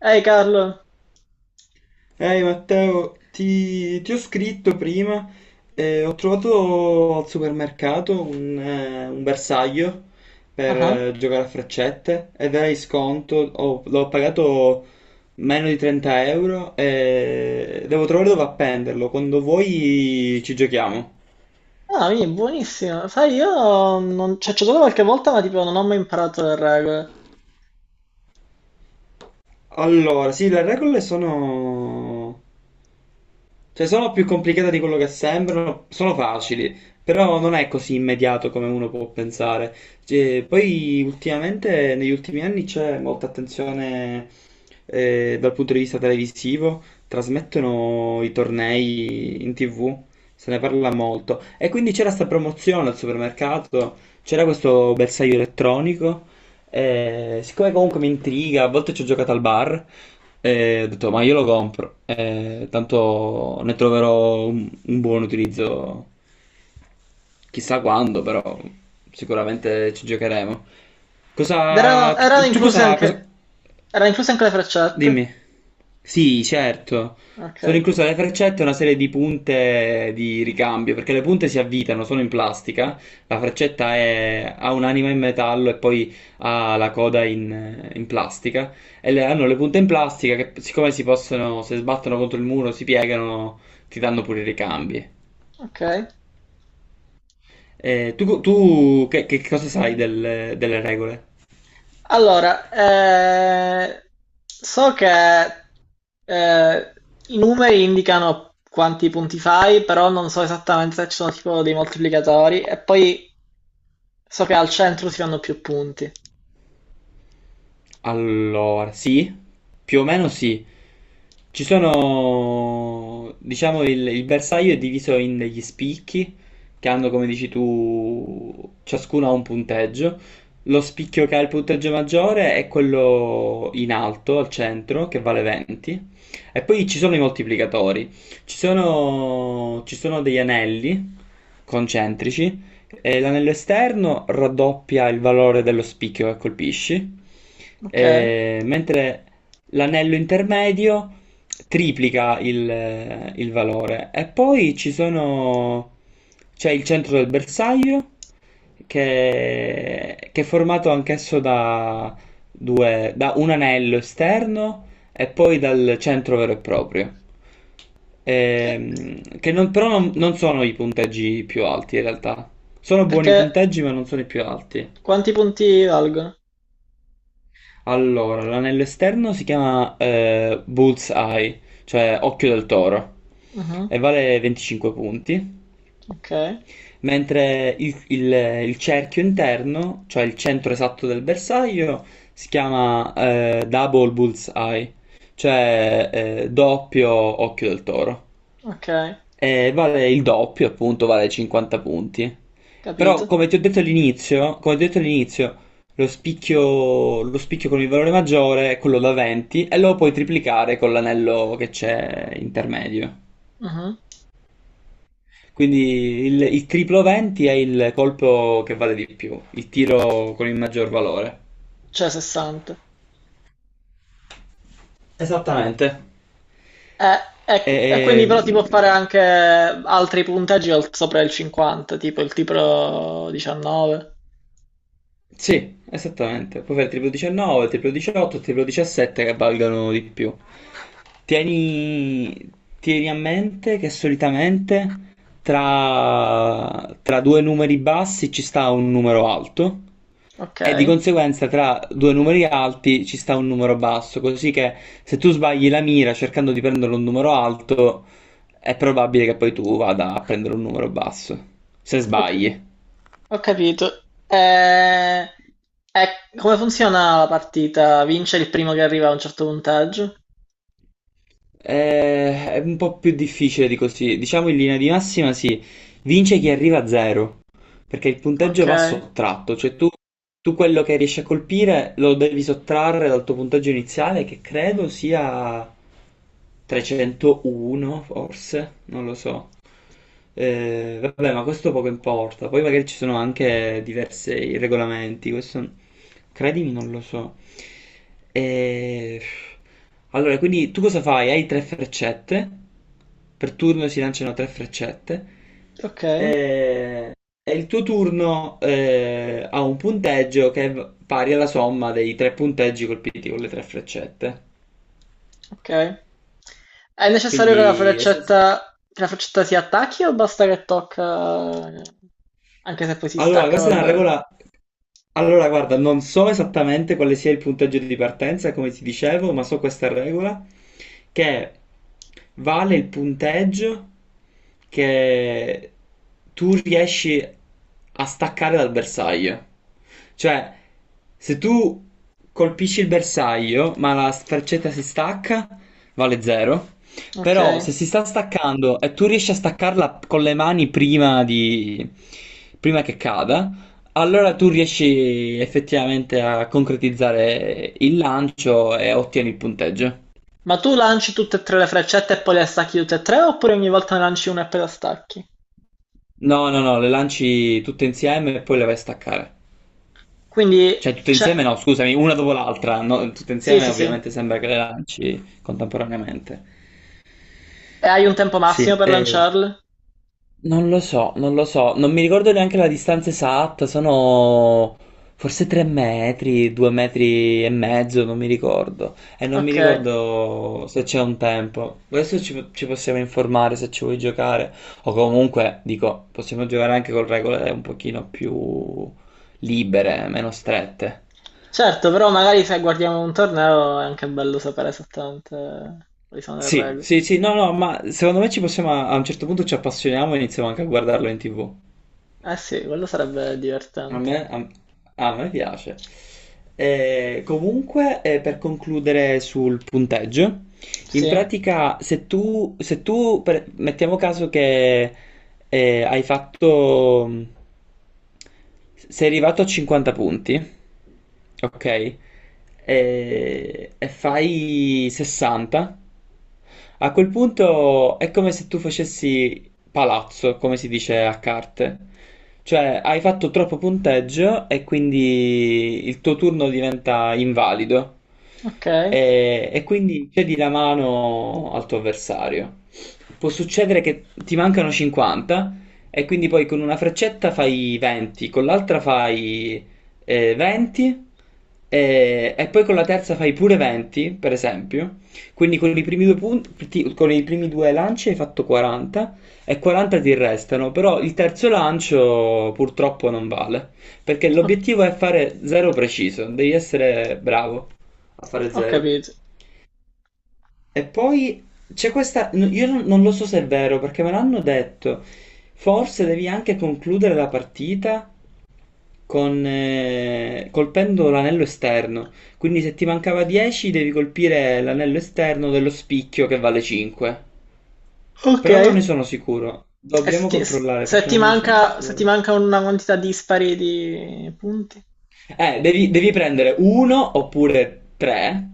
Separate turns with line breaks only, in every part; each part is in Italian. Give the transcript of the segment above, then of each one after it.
Ehi Carlo,
Ehi Matteo, ti ho scritto prima, ho trovato al supermercato un bersaglio
ah,
per
ah,
giocare a freccette ed era in sconto, l'ho pagato meno di 30 euro e devo trovare dove appenderlo, quando vuoi ci giochiamo.
ah, quindi buonissimo. Sai, io non... cioè, ci ho giocato qualche volta, ma tipo non ho mai imparato le regole.
Allora, sì, le regole sono cioè, sono più complicate di quello che sembrano, sono facili, però non è così immediato come uno può pensare. Cioè, poi ultimamente, negli ultimi anni c'è molta attenzione dal punto di vista televisivo, trasmettono i tornei in TV, se ne parla molto. E quindi c'era sta promozione al supermercato, c'era questo bersaglio elettronico, siccome comunque mi intriga, a volte ci ho giocato al bar, ho detto ma io lo compro, tanto ne troverò un buon utilizzo, chissà quando, però sicuramente ci giocheremo.
Ed erano,
Cosa,
erano
tu
incluse
cosa,
anche... Erano incluse anche le freccette?
dimmi. Sì, certo.
Ok,
Sono incluse le freccette e una serie di punte di ricambio, perché le punte si avvitano, sono in plastica, la freccetta ha un'anima in metallo e poi ha la coda in plastica, e hanno le punte in plastica che siccome si possono, se sbattono contro il muro, si piegano, ti danno pure i ricambi.
ok.
Tu che, cosa sai delle regole?
Allora, so che eh, i numeri indicano quanti punti fai, però non so esattamente se ci sono tipo dei moltiplicatori. E poi so che al centro si fanno più punti.
Allora, sì, più o meno sì. Ci sono, diciamo, il bersaglio è diviso in degli spicchi che hanno, come dici tu, ciascuno ha un punteggio. Lo spicchio che ha il punteggio maggiore è quello in alto, al centro, che vale 20. E poi ci sono i moltiplicatori. Ci sono degli anelli concentrici e l'anello esterno raddoppia il valore dello spicchio che colpisci,
Ok,
mentre l'anello intermedio triplica il valore. E poi c'è il centro del bersaglio, che è formato anch'esso da, due, da un anello esterno e poi dal centro vero e proprio. Che non- però non sono i punteggi più alti in realtà. Sono buoni
perché
punteggi, ma non sono i più alti.
quanti punti valgono?
Allora, l'anello esterno si chiama Bullseye, cioè occhio del toro,
Mhm,
e vale 25 punti.
ok.
Mentre il cerchio interno, cioè il centro esatto del bersaglio, si chiama Double Bullseye, cioè doppio occhio del toro.
Ok,
Vale il doppio, appunto, vale 50 punti. Però,
capito.
come ti ho detto all'inizio, lo spicchio con il valore maggiore è quello da 20 e lo puoi triplicare con l'anello che c'è intermedio.
Mhm.
Quindi il triplo 20 è il colpo che vale di più, il tiro con il maggior valore.
Cioè 60.
Esattamente.
E, e quindi però ti può fare
Ehm,
anche altri punteggi al- sopra il 50, tipo 19.
sì, esattamente. Puoi fare triplo 19, triplo 18, triplo 17 che valgano di più. Tieni, tieni a mente che solitamente tra due numeri bassi ci sta un numero alto
Ok,
e di conseguenza tra due numeri alti ci sta un numero basso, così che se tu sbagli la mira cercando di prendere un numero alto è probabile che poi tu vada a prendere un numero basso, se
ho, c-
sbagli.
ho capito. E come funziona la partita? Vince il primo che arriva a un certo punteggio?
È un po' più difficile di così, diciamo in linea di massima sì, vince chi arriva a zero. Perché il
Ok,
punteggio va sottratto, cioè tu quello che riesci a colpire lo devi sottrarre dal tuo punteggio iniziale, che credo sia 301, forse, non lo so. Vabbè, ma questo poco importa. Poi magari ci sono anche diversi regolamenti, questo credimi, non lo so. Eh, Allora, quindi tu cosa fai? Hai tre freccette. Per turno si lanciano tre freccette.
ok,
Eh, e il tuo turno ha un punteggio che è pari alla somma dei tre punteggi colpiti con le tre freccette.
ok. È necessario che la
Quindi essenzi-
freccetta, che la freccetta si attacchi o basta che tocca, anche se poi si
Allora,
stacca,
questa è una
vabbè.
regola. Allora, guarda, non so esattamente quale sia il punteggio di partenza, come ti dicevo, ma so questa regola che vale il punteggio che tu riesci a staccare dal bersaglio. Cioè, se tu colpisci il bersaglio, ma la sferzetta si stacca, vale 0. Però
Okay.
se si sta staccando e tu riesci a staccarla con le mani prima che cada, allora tu riesci effettivamente a concretizzare il lancio e ottieni il punteggio.
Ma tu lanci tutte e 3 le freccette e poi le stacchi tutte e 3 oppure ogni volta ne lanci una e poi la stacchi?
No, no, no, le lanci tutte insieme e poi le vai a staccare.
Quindi
Cioè, tutte
cioè
insieme no, scusami, una dopo l'altra. No, tutte
sì,
insieme
sì, sì.
ovviamente sembra che le lanci contemporaneamente.
E hai un tempo massimo
Sì,
per lanciarle?
non lo so, non lo so, non mi ricordo neanche la distanza esatta, sono forse 3 metri, 2 metri e mezzo, non mi ricordo. E non mi
Okay.
ricordo se c'è un tempo. Adesso ci possiamo informare se ci vuoi giocare. O comunque, dico, possiamo giocare anche con regole un pochino più libere, meno strette.
Certo, però magari se guardiamo un torneo è anche bello sapere esattamente quali sono le
Sì,
regole.
sì, sì, no, no, ma secondo me ci possiamo, a un certo punto ci appassioniamo e iniziamo anche a guardarlo in TV.
Eh sì, quello sarebbe
A
divertente.
me, a, a me piace. Comunque, per concludere sul punteggio, in
Sì,
pratica, se tu mettiamo caso che hai fatto, sei arrivato a 50 punti, ok? E fai 60, a quel punto è come se tu facessi palazzo, come si dice a carte. Cioè, hai fatto troppo punteggio e quindi il tuo turno diventa invalido.
okay,
E quindi cedi la mano al tuo avversario. Può succedere che ti mancano 50 e quindi poi con una freccetta fai 20, con l'altra fai 20 e poi con la terza fai pure 20, per esempio. Quindi con i primi due punti, con i primi due lanci hai fatto 40 e 40 ti restano, però il terzo lancio purtroppo non vale, perché
ho
l'obiettivo è fare zero preciso, devi essere bravo a fare
ho
zero.
capito.
E poi c'è questa, n- io non, non lo so se è vero, perché me l'hanno detto, forse devi anche concludere la partita colpendo l'anello esterno, quindi se ti mancava 10 devi colpire l'anello esterno dello spicchio che vale 5. Però non ne
Okay.
sono sicuro.
E se
Dobbiamo
ti s
controllare
se
perché
ti
non ne
manca
sono
se ti
sicuro.
manca una quantità dispari di punti?
Devi prendere uno oppure tre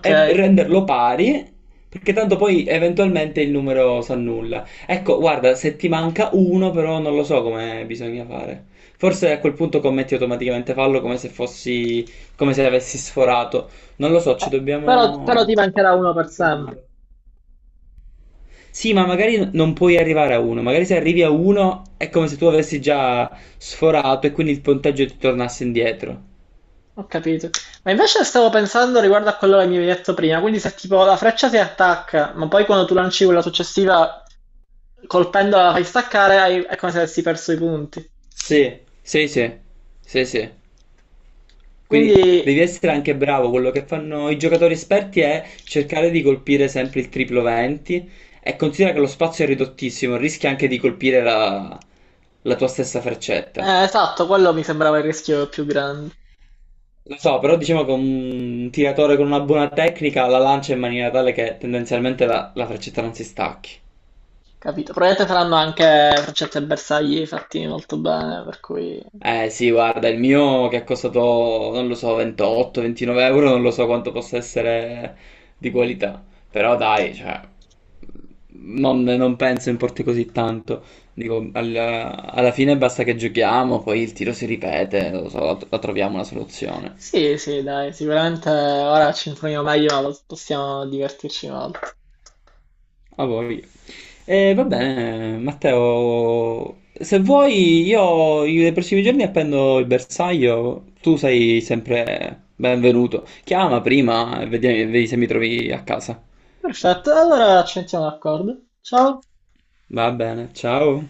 e renderlo pari, perché tanto poi eventualmente il numero si annulla. Ecco, guarda, se ti manca uno, però non lo so come bisogna fare. Forse a quel punto commetti automaticamente fallo come se fossi, come se avessi sforato. Non lo so,
Eh, però, ti mancherà
ci
uno
dobbiamo
per sempre.
informare. Sì, ma magari non puoi arrivare a uno, magari se arrivi a uno è come se tu avessi già sforato e quindi il punteggio ti tornasse indietro.
Ho capito. Ma invece stavo pensando riguardo a quello che mi avevi detto prima. Quindi se tipo la freccia si attacca, ma poi quando tu lanci quella successiva, colpendola la fai staccare, è come se avessi perso i punti.
Sì, sì, sì, sì, sì.
Quindi,
Quindi devi essere anche bravo. Quello che fanno i giocatori esperti è cercare di colpire sempre il triplo 20 e considera che lo spazio è ridottissimo, rischi anche di colpire la tua stessa freccetta.
esatto, quello mi sembrava il rischio più grande.
Lo so, però diciamo che un tiratore con una buona tecnica la lancia in maniera tale che tendenzialmente la freccetta non si stacchi.
Capito? Probabilmente saranno anche freccette e bersagli fatti molto bene, per cui...
Eh sì, guarda, il mio che è costato, non lo so, 28-29 euro, non lo so quanto possa essere di qualità, però dai, cioè, non penso importi così tanto. Dico, alla fine basta che giochiamo, poi il tiro si ripete, non lo so, la troviamo una soluzione.
Sì, sì, dai, sicuramente ora ci informiamo meglio, ma possiamo divertirci molto.
A voi. E va bene, Matteo, se vuoi io nei prossimi giorni appendo il bersaglio, tu sei sempre benvenuto. Chiama prima e vedi se mi trovi a casa.
Perfetto, allora ci mettiamo d'accordo. Ciao.
Va bene, ciao.